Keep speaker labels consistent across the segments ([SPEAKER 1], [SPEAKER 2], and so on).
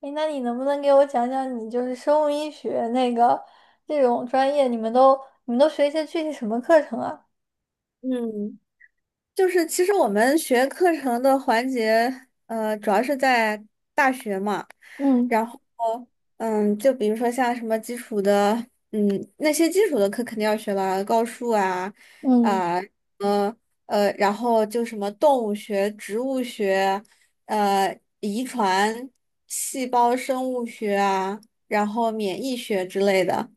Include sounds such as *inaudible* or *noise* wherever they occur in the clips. [SPEAKER 1] 诶，那你能不能给我讲讲你就是生物医学那个这种专业，你们都学一些具体什么课程啊？
[SPEAKER 2] 嗯，就是其实我们学课程的环节，主要是在大学嘛，
[SPEAKER 1] 嗯。
[SPEAKER 2] 然后，就比如说像什么基础的，嗯，那些基础的课肯定要学了，高数啊，
[SPEAKER 1] 嗯。
[SPEAKER 2] 啊、呃，然后就什么动物学、植物学，遗传、细胞生物学啊，然后免疫学之类的。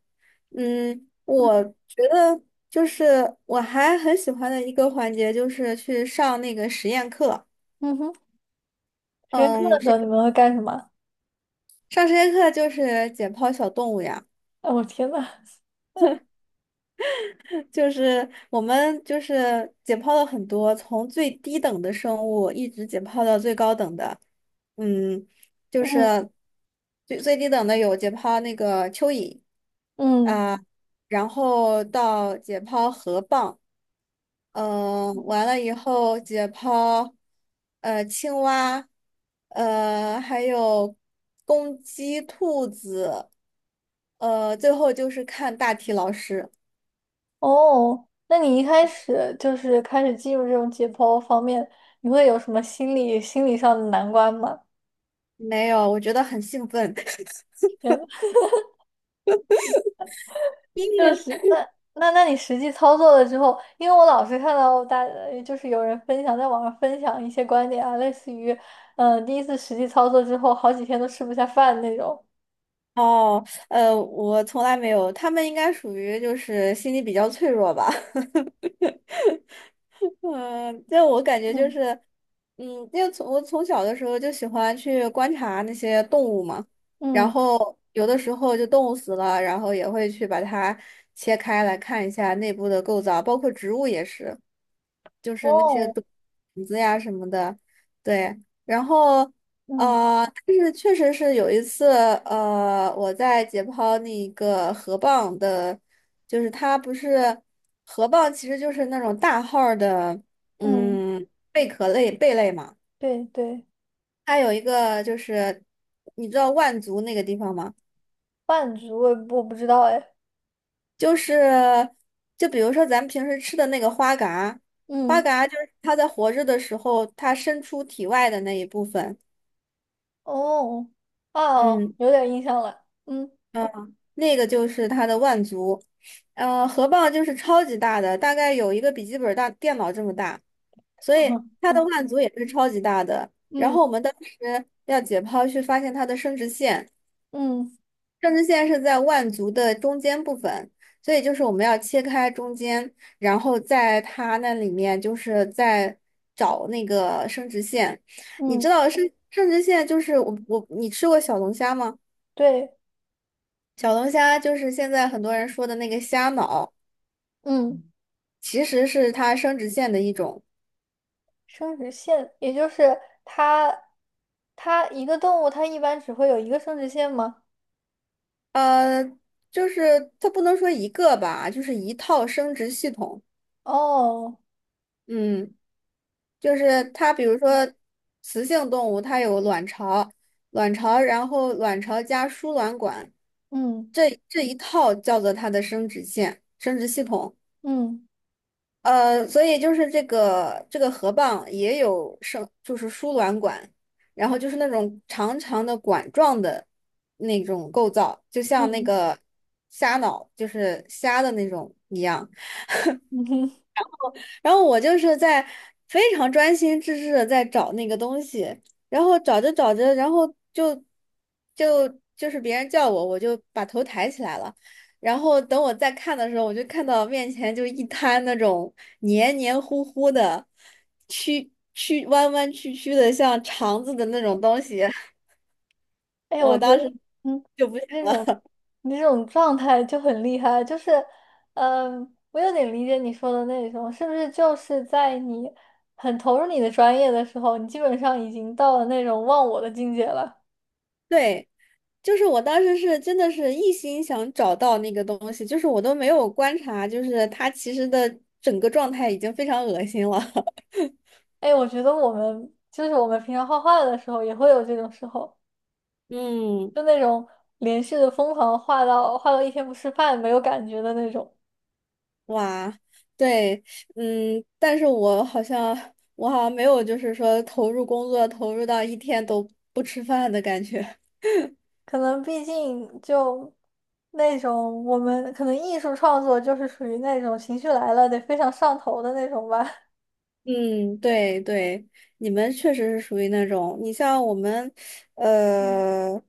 [SPEAKER 2] 我
[SPEAKER 1] *laughs*
[SPEAKER 2] 觉得就是我还很喜欢的一个环节就是去上那个实验课。
[SPEAKER 1] 嗯哼，实验课的
[SPEAKER 2] 嗯，
[SPEAKER 1] 时候
[SPEAKER 2] 是。
[SPEAKER 1] 你们会干什么？*laughs*
[SPEAKER 2] 上实验课就是解剖小动物呀，
[SPEAKER 1] 哎，我天呐！*laughs*
[SPEAKER 2] 就是我们就是解剖了很多，从最低等的生物一直解剖到最高等的。嗯，就
[SPEAKER 1] 嗯。
[SPEAKER 2] 是最最低等的有解剖那个蚯蚓
[SPEAKER 1] 嗯。
[SPEAKER 2] 啊，然后到解剖河蚌。完了以后解剖，青蛙，还有公鸡、兔子，最后就是看大体老师。
[SPEAKER 1] 哦，那你一开始就是开始进入这种解剖方面，你会有什么心理上的难关吗？
[SPEAKER 2] 没有，我觉得很兴奋。*laughs*
[SPEAKER 1] 天呐。
[SPEAKER 2] 因
[SPEAKER 1] 就是
[SPEAKER 2] 为
[SPEAKER 1] 那，那你实际操作了之后，因为我老是看到大，就是有人分享在网上分享一些观点啊，类似于，第一次实际操作之后好几天都吃不下饭那种。
[SPEAKER 2] 哦，我从来没有，他们应该属于就是心理比较脆弱吧。嗯，就我感觉就是，
[SPEAKER 1] 嗯。
[SPEAKER 2] 嗯，因为从我从小的时候就喜欢去观察那些动物嘛，然
[SPEAKER 1] 嗯。
[SPEAKER 2] 后有的时候就动物死了，然后也会去把它切开来看一下内部的构造，包括植物也是，就是那些
[SPEAKER 1] 哦。
[SPEAKER 2] 种子呀什么的，对，然后
[SPEAKER 1] 嗯。
[SPEAKER 2] 但是确实是有一次，我在解剖那个河蚌的。就是它不是河蚌，其实就是那种大号儿的，
[SPEAKER 1] 嗯。
[SPEAKER 2] 嗯，贝壳类贝类嘛。
[SPEAKER 1] 对对。
[SPEAKER 2] 它有一个就是，你知道万族那个地方吗？
[SPEAKER 1] 半局我也不，我不知道哎。
[SPEAKER 2] 就是，就比如说咱们平时吃的那个花蛤，花
[SPEAKER 1] 嗯。
[SPEAKER 2] 蛤就是它在活着的时候，它伸出体外的那一部分。
[SPEAKER 1] 哦。啊，哦，
[SPEAKER 2] 嗯。
[SPEAKER 1] 有点印象了。嗯。
[SPEAKER 2] 那个就是它的腕足，河蚌就是超级大的，大概有一个笔记本大电脑这么大，所以它
[SPEAKER 1] *laughs*
[SPEAKER 2] 的腕足也是超级大的。然
[SPEAKER 1] 嗯。
[SPEAKER 2] 后我们当时要解剖去发现它的生殖腺，
[SPEAKER 1] 嗯。
[SPEAKER 2] 生殖腺是在腕足的中间部分，所以就是我们要切开中间，然后在它那里面就是在找那个生殖腺。你
[SPEAKER 1] 嗯。
[SPEAKER 2] 知道生殖腺就是你吃过小龙虾吗？
[SPEAKER 1] 对。
[SPEAKER 2] 小龙虾就是现在很多人说的那个虾脑。
[SPEAKER 1] 嗯。
[SPEAKER 2] 其实是它生殖腺的一种，
[SPEAKER 1] 生殖腺，也就是它，它一个动物它一般只会有一个生殖腺吗？
[SPEAKER 2] 呃，就是它不能说一个吧，就是一套生殖系统。
[SPEAKER 1] 哦。
[SPEAKER 2] 嗯，就是它，比如说雌性动物，它有卵巢，然后卵巢加输卵管，
[SPEAKER 1] 嗯。
[SPEAKER 2] 这一套叫做它的生殖腺、生殖系统。
[SPEAKER 1] 嗯。
[SPEAKER 2] 所以就是这个河蚌也有就是输卵管，然后就是那种长长的管状的那种构造，就像那
[SPEAKER 1] 嗯。
[SPEAKER 2] 个虾脑，就是虾的那种一样。
[SPEAKER 1] 嗯哼。
[SPEAKER 2] 然后我就是在非常专心致志的在找那个东西，然后找着找着，然后就就就是别人叫我，我就把头抬起来了。然后等我再看的时候，我就看到面前就一滩那种黏黏糊糊的、曲曲弯弯曲曲的，像肠子的那种东西。*laughs*
[SPEAKER 1] *laughs* 哎，我
[SPEAKER 2] 我
[SPEAKER 1] 觉
[SPEAKER 2] 当
[SPEAKER 1] 得，
[SPEAKER 2] 时。
[SPEAKER 1] 嗯，
[SPEAKER 2] 就不。
[SPEAKER 1] 这种，你这种状态就很厉害，就是，嗯，我有点理解你说的那种，是不是就是在你很投入你的专业的时候，你基本上已经到了那种忘我的境界了？
[SPEAKER 2] 对，就是我当时是真的是一心想找到那个东西，就是我都没有观察，就是他其实的整个状态已经非常恶心了。*laughs*
[SPEAKER 1] 哎，我觉得我们平常画画的时候也会有这种时候。
[SPEAKER 2] 嗯，
[SPEAKER 1] 就那种连续的疯狂画到一天不吃饭没有感觉的那种。
[SPEAKER 2] 哇，对，但是我好像没有就是说投入工作投入到一天都不吃饭的感觉。
[SPEAKER 1] 可能毕竟就那种我们可能艺术创作就是属于那种情绪来了得非常上头的那种吧。*laughs*
[SPEAKER 2] 嗯，对对，你们确实是属于那种，你像我们，
[SPEAKER 1] 嗯。
[SPEAKER 2] 呃，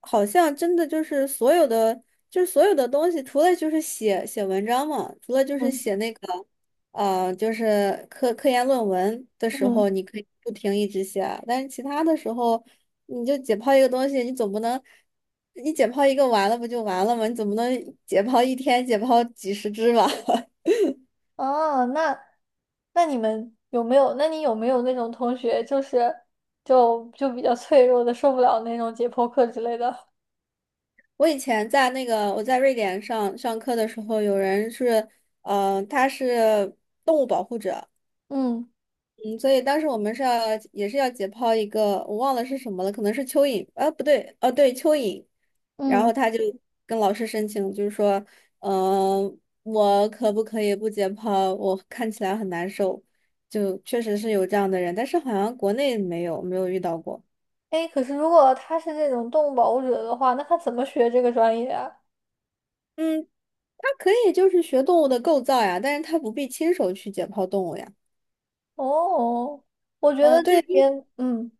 [SPEAKER 2] 好像真的就是所有的，东西，除了就是写写文章嘛，除了就是
[SPEAKER 1] 嗯。
[SPEAKER 2] 写那个，就是科研论文的时候，
[SPEAKER 1] 嗯。
[SPEAKER 2] 你可以不停一直写啊，但是其他的时候，你就解剖一个东西，你总不能，你解剖一个完了不就完了吗？你总不能解剖一天解剖几十只吧？*laughs*
[SPEAKER 1] 哦，那，那你们有没有？那你有没有那种同学，就是，就比较脆弱的，受不了那种解剖课之类的？
[SPEAKER 2] 我以前在那个我在瑞典上课的时候，有人是，他是，
[SPEAKER 1] 嗯。
[SPEAKER 2] 嗯，所以当时我们是要也是要解剖一个，我忘了是什么了，可能是蚯蚓，啊，不对，哦，对，蚯蚓，然后
[SPEAKER 1] 嗯。
[SPEAKER 2] 他就跟老师申请，就是说，嗯、我可不可以不解剖？我看起来很难受，就确实是有这样的人，但是好像国内没有没有遇到过。
[SPEAKER 1] 哎，可是如果他是这种动物保护者的话，那他怎么学这个专业啊？
[SPEAKER 2] 嗯，他可以就是学动物的构造呀，但是他不必亲手去解剖动物呀。
[SPEAKER 1] 哦，我觉得这
[SPEAKER 2] 对，
[SPEAKER 1] 边，嗯。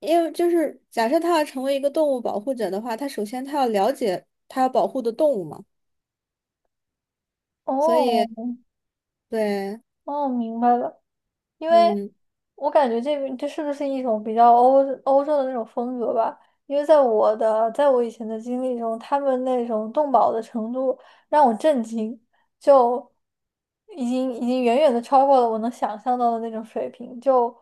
[SPEAKER 2] 因为就是假设他要成为一个动物保护者的话，他首先他要了解他要保护的动物嘛，所
[SPEAKER 1] 哦。
[SPEAKER 2] 以对，
[SPEAKER 1] 哦，明白了。因为
[SPEAKER 2] 嗯
[SPEAKER 1] 我感觉这边这是不是一种比较欧，欧洲的那种风格吧？因为在我的，在我以前的经历中，他们那种动保的程度让我震惊，就已经远远的超过了我能想象到的那种水平。就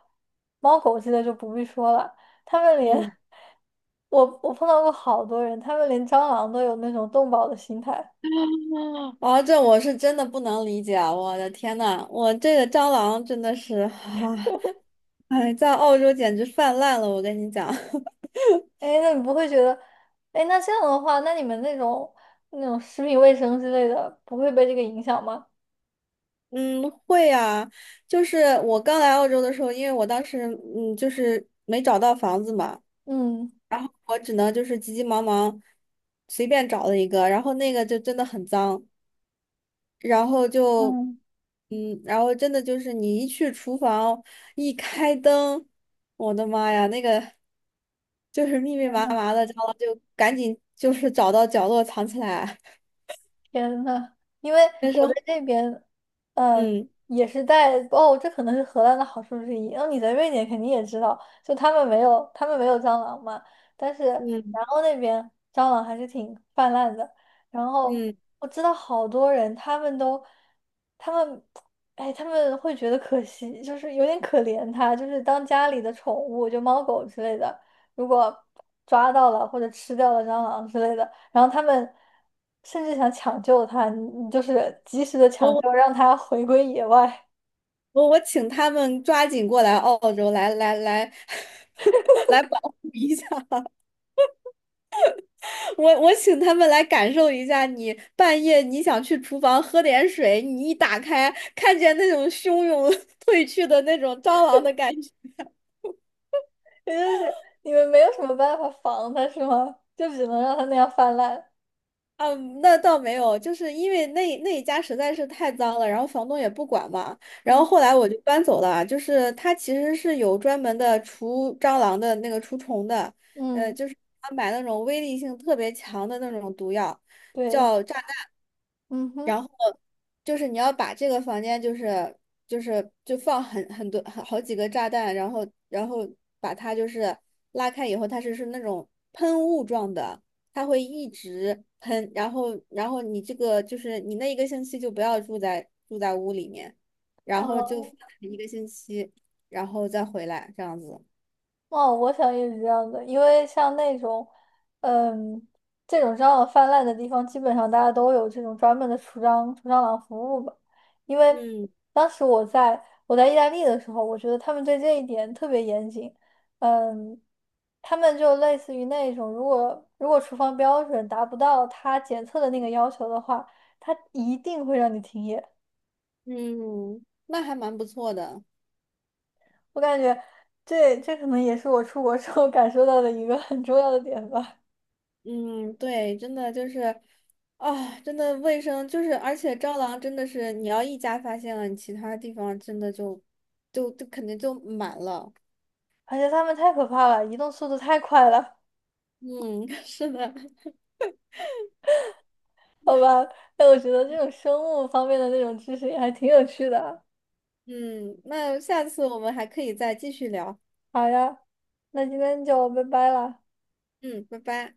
[SPEAKER 1] 猫狗之类就不必说了，他们连，
[SPEAKER 2] 嗯，
[SPEAKER 1] *laughs* 我碰到过好多人，他们连蟑螂都有那种动保的心态。
[SPEAKER 2] 哦，这我是真的不能理解啊，我的天呐，我这个蟑螂真的是，啊，哎，在澳洲简直泛滥了，我跟你讲。*laughs*
[SPEAKER 1] 哎，那你不会觉得，哎，那这样的话，那你们那种，那种食品卫生之类的，不会被这个影响吗？
[SPEAKER 2] 嗯，会啊，就是我刚来澳洲的时候，因为我当时就是没找到房子嘛，
[SPEAKER 1] 嗯。
[SPEAKER 2] 然后我只能就是急急忙忙随便找了一个，然后那个就真的很脏，然后就，
[SPEAKER 1] 嗯。
[SPEAKER 2] 然后真的就是你一去厨房，一开灯，我的妈呀，那个就是密密麻麻的，然后就赶紧就是找到角落藏起来。
[SPEAKER 1] 天呐，因为
[SPEAKER 2] 那时
[SPEAKER 1] 我在
[SPEAKER 2] 候，
[SPEAKER 1] 这边，嗯，
[SPEAKER 2] 嗯
[SPEAKER 1] 也是带，哦，这可能是荷兰的好处之一。然后你在瑞典肯定也知道，就他们没有蟑螂嘛，但是
[SPEAKER 2] 嗯
[SPEAKER 1] 然后那边蟑螂还是挺泛滥的。然后
[SPEAKER 2] 嗯，
[SPEAKER 1] 我知道好多人，他们都，他们，哎，他们会觉得可惜，就是有点可怜他，就是当家里的宠物，就猫狗之类的，如果抓到了或者吃掉了蟑螂之类的。然后他们甚至想抢救他，你，就是及时的抢
[SPEAKER 2] 我
[SPEAKER 1] 救，让他回归野外。
[SPEAKER 2] 我请他们抓紧过来澳洲来来来 *laughs* 来保护一下。我请他们来感受一下你，半夜你想去厨房喝点水，你一打开看见那种汹涌 *laughs* 退去的那种蟑螂的感觉。
[SPEAKER 1] *laughs* 也就是你们没有什么办法防他，是吗？就只能让他那样泛滥。
[SPEAKER 2] 啊，那倒没有，就是因为那一家实在是太脏了，然后房东也不管嘛，然后
[SPEAKER 1] 嗯。
[SPEAKER 2] 后来我就搬走了啊。就是他其实是有专门的除蟑螂的那个除虫的，
[SPEAKER 1] 嗯，
[SPEAKER 2] 就是他买那种威力性特别强的那种毒药，
[SPEAKER 1] 对。
[SPEAKER 2] 叫炸。
[SPEAKER 1] 嗯哼。
[SPEAKER 2] 就是你要把这个房间就放很多很好几个炸弹，然后把它就是拉开以后，它是那种喷雾状的，它会一直喷，然后你这个就是你那一个星期就不要住在屋里面，然后
[SPEAKER 1] 哦。
[SPEAKER 2] 就放一个星期，然后再回来这样子。
[SPEAKER 1] 哦，我想也是这样的，因为像那种，嗯，这种蟑螂泛滥的地方，基本上大家都有这种专门的除蟑螂服务吧。因为
[SPEAKER 2] 嗯
[SPEAKER 1] 当时我在，在意大利的时候，我觉得他们对这一点特别严谨。嗯，他们就类似于那种，如果厨房标准达不到他检测的那个要求的话，他一定会让你停业。
[SPEAKER 2] 嗯，那还蛮不错的。
[SPEAKER 1] 我感觉，这可能也是我出国之后感受到的一个很重要的点吧。
[SPEAKER 2] 嗯，对，真的就是，啊，真的卫生就是，而且蟑螂真的是，你要一家发现了，你其他地方真的就肯定就满了。
[SPEAKER 1] 而且它们太可怕了，移动速度太快了，
[SPEAKER 2] 嗯，*laughs* 是的，
[SPEAKER 1] 好吧？哎，我觉得这种生物方面的那种知识也还挺有趣的啊。
[SPEAKER 2] 嗯，那下次我们还可以再继续聊。
[SPEAKER 1] 好呀，那今天就拜拜了。
[SPEAKER 2] 嗯，拜拜。